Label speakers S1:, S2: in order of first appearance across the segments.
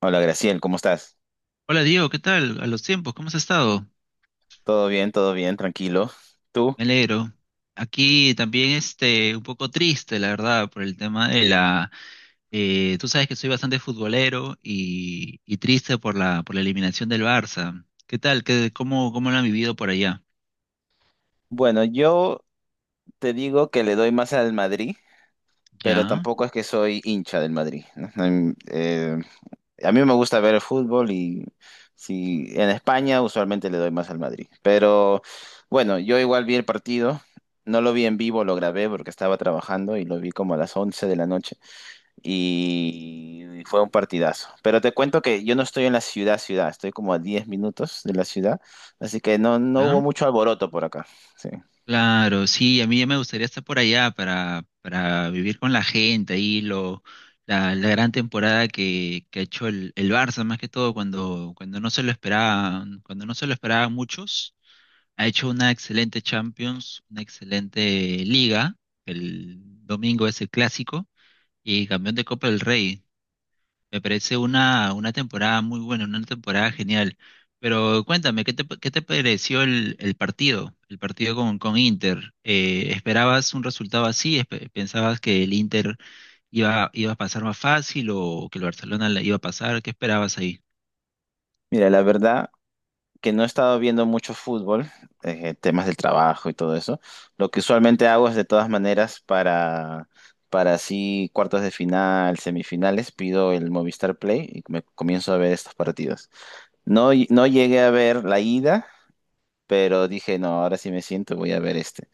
S1: Hola Graciel, ¿cómo estás?
S2: Hola Diego, ¿qué tal? A los tiempos, ¿cómo has estado?
S1: Todo bien, tranquilo. ¿Tú?
S2: Me alegro. Aquí también este, un poco triste, la verdad, por el tema de la tú sabes que soy bastante futbolero y triste por la eliminación del Barça. ¿Qué tal? ¿Cómo lo han vivido por allá?
S1: Bueno, yo te digo que le doy más al Madrid, pero
S2: ¿Ya?
S1: tampoco es que soy hincha del Madrid, ¿no? A mí me gusta ver el fútbol y si en España usualmente le doy más al Madrid. Pero bueno, yo igual vi el partido, no lo vi en vivo, lo grabé porque estaba trabajando y lo vi como a las 11 de la noche. Y fue un partidazo. Pero te cuento que yo no estoy en la ciudad, ciudad, estoy como a 10 minutos de la ciudad, así que no, no hubo
S2: ¿Ya?
S1: mucho alboroto por acá. Sí.
S2: Claro, sí, a mí ya me gustaría estar por allá para vivir con la gente ahí, la gran temporada que ha hecho el Barça, más que todo cuando no se lo esperaba, cuando no se lo esperaban muchos. Ha hecho una excelente Champions, una excelente Liga. El domingo es el clásico y campeón de Copa del Rey. Me parece una temporada muy buena, una temporada genial. Pero cuéntame, ¿qué te pareció el partido? El partido con Inter. ¿Esperabas un resultado así? ¿Pensabas que el Inter iba a pasar más fácil o que el Barcelona la iba a pasar? ¿Qué esperabas ahí?
S1: Mira, la verdad que no he estado viendo mucho fútbol, temas del trabajo y todo eso. Lo que usualmente hago es de todas maneras para... Para así cuartos de final, semifinales, pido el Movistar Play y me comienzo a ver estos partidos. No, no llegué a ver la ida, pero dije, no, ahora sí me siento, voy a ver este.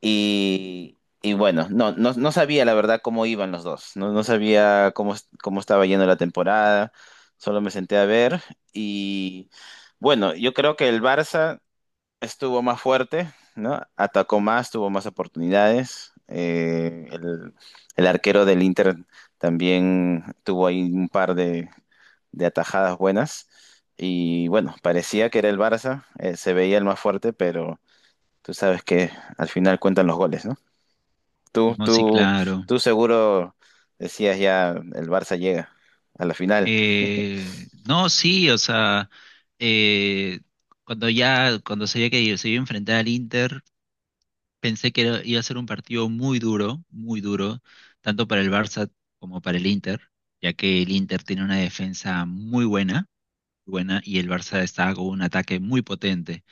S1: Y bueno, no, no, no sabía la verdad cómo iban los dos, no, no sabía cómo, estaba yendo la temporada, solo me senté a ver y bueno, yo creo que el Barça estuvo más fuerte, ¿no? Atacó más, tuvo más oportunidades, el arquero del Inter también tuvo ahí un par de atajadas buenas y bueno, parecía que era el Barça, se veía el más fuerte, pero tú sabes que al final cuentan los goles, ¿no? Tú,
S2: No, sí,
S1: tú,
S2: claro.
S1: tú seguro decías ya el Barça llega a la final.
S2: No, sí, o sea, eh, cuando sabía que se iba a enfrentar al Inter, pensé que iba a ser un partido muy duro, tanto para el Barça como para el Inter, ya que el Inter tiene una defensa muy buena, buena, y el Barça estaba con un ataque muy potente.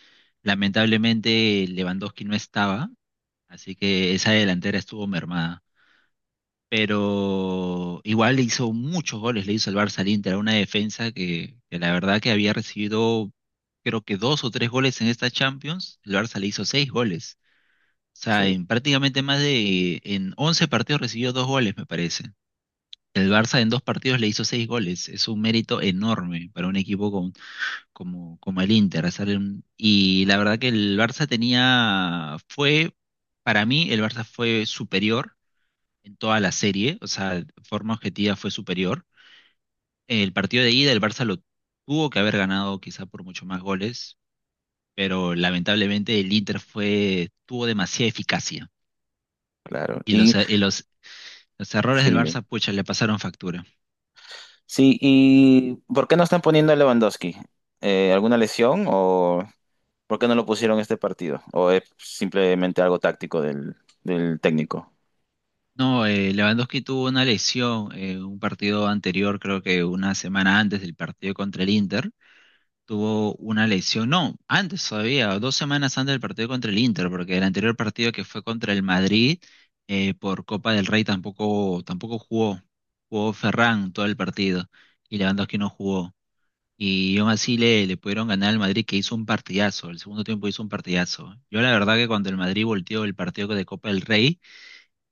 S2: Lamentablemente, Lewandowski no estaba, así que esa delantera estuvo mermada, pero igual le hizo muchos goles, le hizo el Barça al Inter, a una defensa que la verdad que había recibido creo que dos o tres goles en esta Champions, el Barça le hizo seis goles. O sea,
S1: Sí,
S2: en prácticamente en 11 partidos recibió dos goles, me parece. El Barça en dos partidos le hizo seis goles. Es un mérito enorme para un equipo como el Inter. Y la verdad que el Barça tenía, fue, para mí, el Barça fue superior en toda la serie, o sea, de forma objetiva fue superior. El partido de ida, el Barça lo tuvo que haber ganado quizá por mucho más goles, pero lamentablemente el Inter tuvo demasiada eficacia
S1: claro.
S2: y
S1: Y
S2: los errores
S1: sí,
S2: del
S1: dime.
S2: Barça, pucha, le pasaron factura.
S1: Sí, ¿y por qué no están poniendo a Lewandowski? ¿Alguna lesión o por qué no lo pusieron este partido? ¿O es simplemente algo táctico del técnico?
S2: No, Lewandowski tuvo una lesión, un partido anterior, creo que una semana antes del partido contra el Inter, tuvo una lesión, no, antes todavía, dos semanas antes del partido contra el Inter, porque el anterior partido que fue contra el Madrid, por Copa del Rey tampoco jugó, jugó Ferran todo el partido y Lewandowski no jugó. Y aún así le pudieron ganar al Madrid, que hizo un partidazo. El segundo tiempo hizo un partidazo. Yo la verdad que cuando el Madrid volteó el partido de Copa del Rey,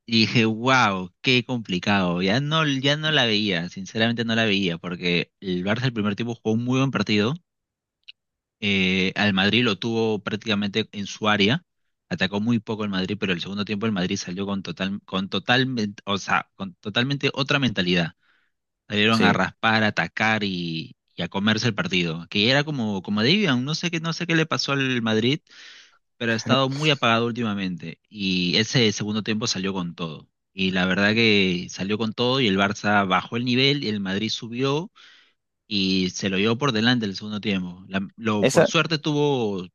S2: dije, wow, qué complicado. Ya no, ya no la veía, sinceramente no la veía, porque el Barça el primer tiempo jugó un muy buen partido, al Madrid lo tuvo prácticamente en su área. Atacó muy poco el Madrid, pero el segundo tiempo el Madrid salió con total, con totalmente, o sea, con totalmente otra mentalidad. Salieron a
S1: Sí.
S2: raspar, a atacar y a comerse el partido, que era como debían. No sé qué le pasó al Madrid, pero ha estado muy apagado últimamente. Y ese segundo tiempo salió con todo. Y la verdad que salió con todo, y el Barça bajó el nivel y el Madrid subió y se lo llevó por delante el segundo tiempo. La- lo, por
S1: Esa,
S2: suerte tuvo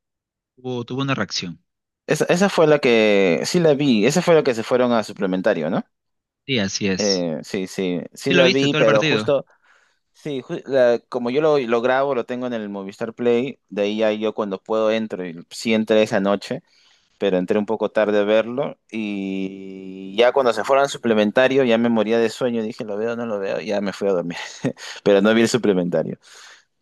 S2: Tuvo, tuvo una reacción.
S1: Esa fue la que, sí la vi, esa fue la que se fueron a suplementario, ¿no?
S2: Sí, así es.
S1: Sí, sí, sí
S2: ¿Sí lo
S1: la
S2: viste
S1: vi,
S2: todo el
S1: pero
S2: partido?
S1: justo, sí, como yo lo grabo, lo tengo en el Movistar Play, de ahí ya yo cuando puedo entro, y sí entré esa noche, pero entré un poco tarde a verlo y ya cuando se fueron al suplementario ya me moría de sueño, dije, lo veo, no lo veo, ya me fui a dormir, pero no vi el suplementario.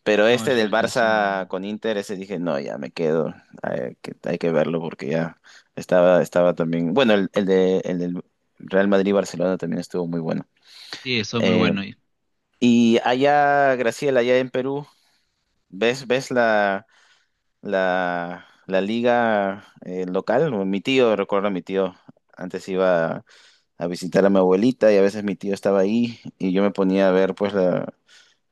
S1: Pero
S2: No, el
S1: este del
S2: primer tiempo estuvo muy
S1: Barça
S2: bueno.
S1: con Inter, ese dije, no, ya me quedo, hay que verlo porque ya estaba también, bueno, el del Real Madrid-Barcelona también estuvo muy bueno.
S2: Sí, estuvo muy
S1: Eh,
S2: bueno.
S1: y allá, Graciela, allá en Perú. ¿Ves la, liga local? Mi tío, recuerdo a mi tío, antes iba a visitar a mi abuelita y a veces mi tío estaba ahí y yo me ponía a ver pues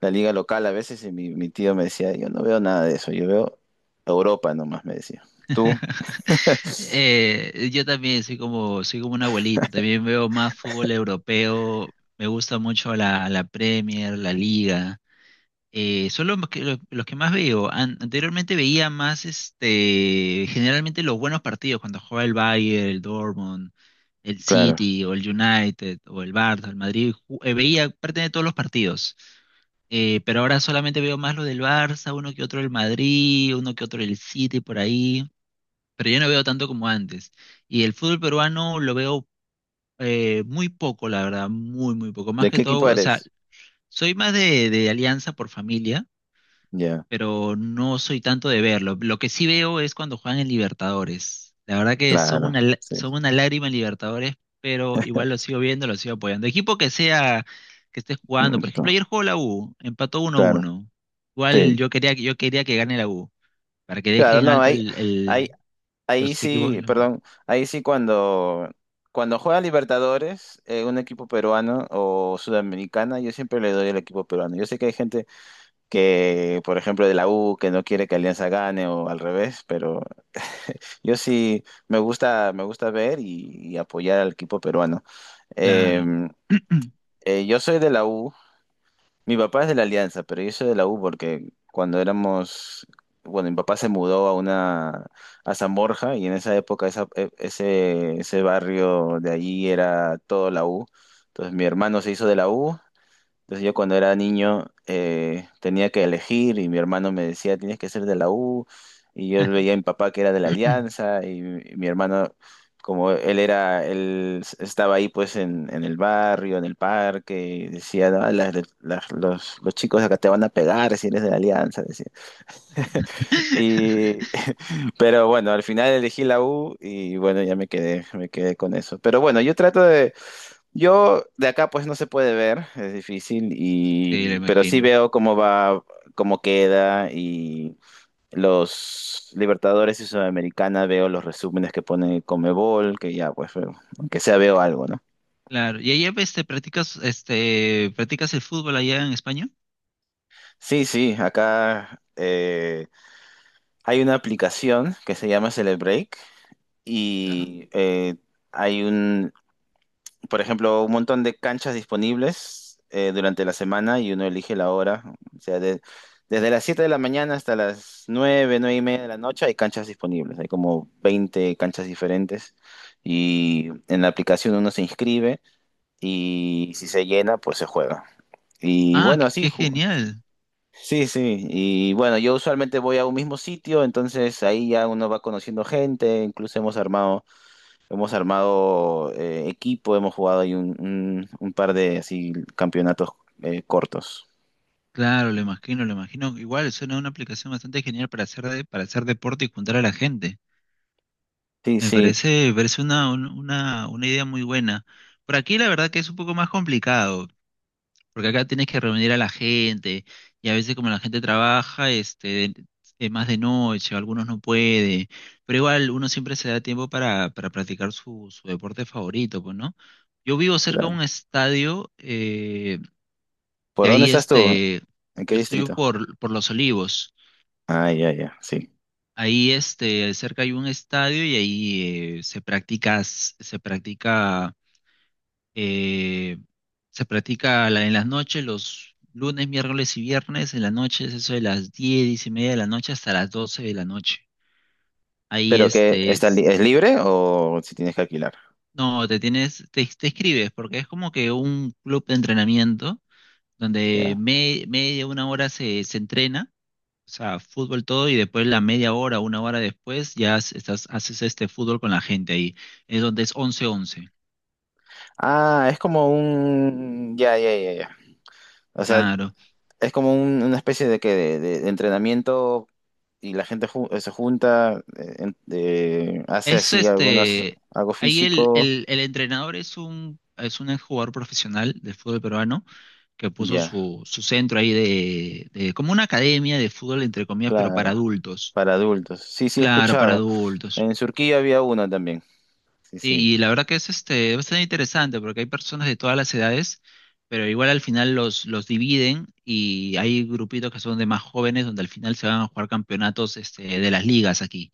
S1: la liga local a veces y mi tío me decía, yo no veo nada de eso, yo veo Europa nomás, me decía. ¿Tú?
S2: Yo también soy como un abuelito. También veo más fútbol europeo. Me gusta mucho la Premier, la Liga. Son los que más veo. Anteriormente veía más, este, generalmente los buenos partidos cuando jugaba el Bayern, el Dortmund, el
S1: Claro.
S2: City o el United o el Barça, el Madrid. Veía parte de todos los partidos. Pero ahora solamente veo más lo del Barça, uno que otro el Madrid, uno que otro el City por ahí, pero yo no veo tanto como antes. Y el fútbol peruano lo veo, muy poco, la verdad, muy poco. Más
S1: ¿De
S2: que
S1: qué
S2: todo,
S1: equipo
S2: o sea,
S1: eres?
S2: soy más de Alianza por familia,
S1: Ya,
S2: pero no soy tanto de verlo. Lo que sí veo es cuando juegan en Libertadores. La verdad que son
S1: claro,
S2: una,
S1: sí.
S2: son una lágrima en Libertadores, pero igual lo sigo viendo, lo sigo apoyando. Equipo que sea, que esté jugando.
S1: Mm,
S2: Por ejemplo, ayer
S1: no.
S2: jugó la U, empató
S1: Claro,
S2: 1-1. Igual
S1: sí.
S2: yo quería, yo quería que gane la U, para que
S1: Claro,
S2: dejen
S1: no,
S2: alto
S1: hay, ahí
S2: los equipos.
S1: sí, perdón, ahí sí cuando, juega Libertadores, un equipo peruano o sudamericana, yo siempre le doy el equipo peruano. Yo sé que hay gente que, por ejemplo, de la U, que no quiere que Alianza gane o al revés, pero yo sí me gusta ver y apoyar al equipo peruano. Eh,
S2: Claro.
S1: yo soy de la U. Mi papá es de la Alianza, pero yo soy de la U porque cuando éramos, bueno, mi papá se mudó a San Borja y en esa época ese barrio de allí era todo la U. Entonces mi hermano se hizo de la U. Entonces yo cuando era niño tenía que elegir y mi hermano me decía, tienes que ser de la U. Y yo veía a mi papá que era de la Alianza y, mi hermano, como él era, estaba ahí pues en, el barrio, en el parque, y decía, "No, las de- las- los chicos acá te van a pegar si eres de la Alianza", decía. Y, pero bueno, al final elegí la U y bueno, ya me quedé con eso. Pero bueno, yo de acá pues no se puede ver, es difícil,
S2: Sí, lo
S1: pero sí
S2: imagino.
S1: veo cómo va, cómo queda y los Libertadores y Sudamericana veo los resúmenes que pone Comebol, que ya pues aunque sea veo algo, ¿no?
S2: Claro. ¿Y allá, este, practicas el fútbol allá en España?
S1: Sí, sí, acá hay una aplicación que se llama Celebreak
S2: Ya.
S1: y hay un por ejemplo, un montón de canchas disponibles durante la semana y uno elige la hora. O sea, desde las 7 de la mañana hasta las 9, 9:30 de la noche hay canchas disponibles. Hay como 20 canchas diferentes y en la aplicación uno se inscribe y si se llena, pues se juega. Y
S2: Ah,
S1: bueno, así,
S2: qué genial.
S1: sí, sí. Y bueno, yo usualmente voy a un mismo sitio, entonces ahí ya uno va conociendo gente, incluso hemos armado equipo, hemos jugado ahí un par de así campeonatos cortos.
S2: Claro, lo imagino, lo imagino. Igual suena una aplicación bastante genial para para hacer deporte y juntar a la gente.
S1: Sí, sí,
S2: Me parece una idea muy buena. Por aquí la verdad que es un poco más complicado, porque acá tienes que reunir a la gente, y a veces como la gente trabaja, este, es más de noche, algunos no puede, pero igual uno siempre se da tiempo para practicar su deporte favorito, pues, ¿no? Yo vivo cerca de
S1: claro.
S2: un estadio.
S1: ¿Por
S2: De
S1: dónde
S2: ahí,
S1: estás tú?
S2: este,
S1: ¿En qué
S2: yo estoy
S1: distrito?
S2: por Los Olivos.
S1: Ah, ya, ya, sí.
S2: Ahí, este, cerca hay un estadio, y ahí, se practica, se practica, eh, en las noches, los lunes, miércoles y viernes, en las noches, eso de las 10 10 y media de la noche hasta las 12 de la noche. Ahí,
S1: ¿Pero qué
S2: este,
S1: está es libre o si tienes que alquilar?
S2: no, te inscribes porque es como que un club de entrenamiento donde
S1: Ya.
S2: media, una hora se, se entrena. O sea, fútbol todo, y después la media hora, una hora después, ya haces este fútbol con la gente ahí. Es donde es once once.
S1: Ah, es como un ya, ya, ya, ya. O sea,
S2: Claro.
S1: es como una especie de que de entrenamiento y la gente se junta, hace
S2: Es
S1: así algunos
S2: este,
S1: algo
S2: ahí el,
S1: físico.
S2: el, el entrenador es es un jugador profesional de fútbol peruano, que puso
S1: Ya.
S2: su centro ahí como una academia de fútbol, entre comillas, pero
S1: Claro,
S2: para adultos.
S1: para adultos. Sí, sí, he
S2: Claro, para
S1: escuchado.
S2: adultos.
S1: En Surquía había uno también. Sí, sí,
S2: Sí, y la verdad que es este bastante interesante, porque hay personas de todas las edades, pero igual al final los dividen y hay grupitos que son de más jóvenes, donde al final se van a jugar campeonatos este, de las ligas aquí,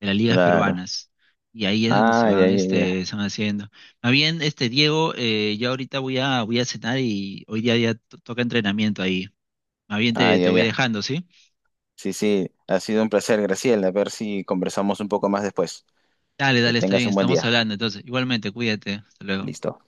S2: de las ligas
S1: claro.
S2: peruanas. Y ahí es donde se
S1: Ah, ya,
S2: van,
S1: ya,
S2: este,
S1: ya.
S2: se van haciendo. Más bien, este, Diego, ya ahorita voy a, voy a cenar, y hoy día ya toca entrenamiento ahí. Más bien
S1: Ah,
S2: te, te
S1: ya,
S2: voy
S1: ya.
S2: dejando, ¿sí?
S1: Sí, sí, ha sido un placer, Graciela. A ver si conversamos un poco más después.
S2: Dale,
S1: Que
S2: dale, está
S1: tengas
S2: bien,
S1: un buen
S2: estamos
S1: día.
S2: hablando. Entonces, igualmente, cuídate. Hasta luego.
S1: Listo.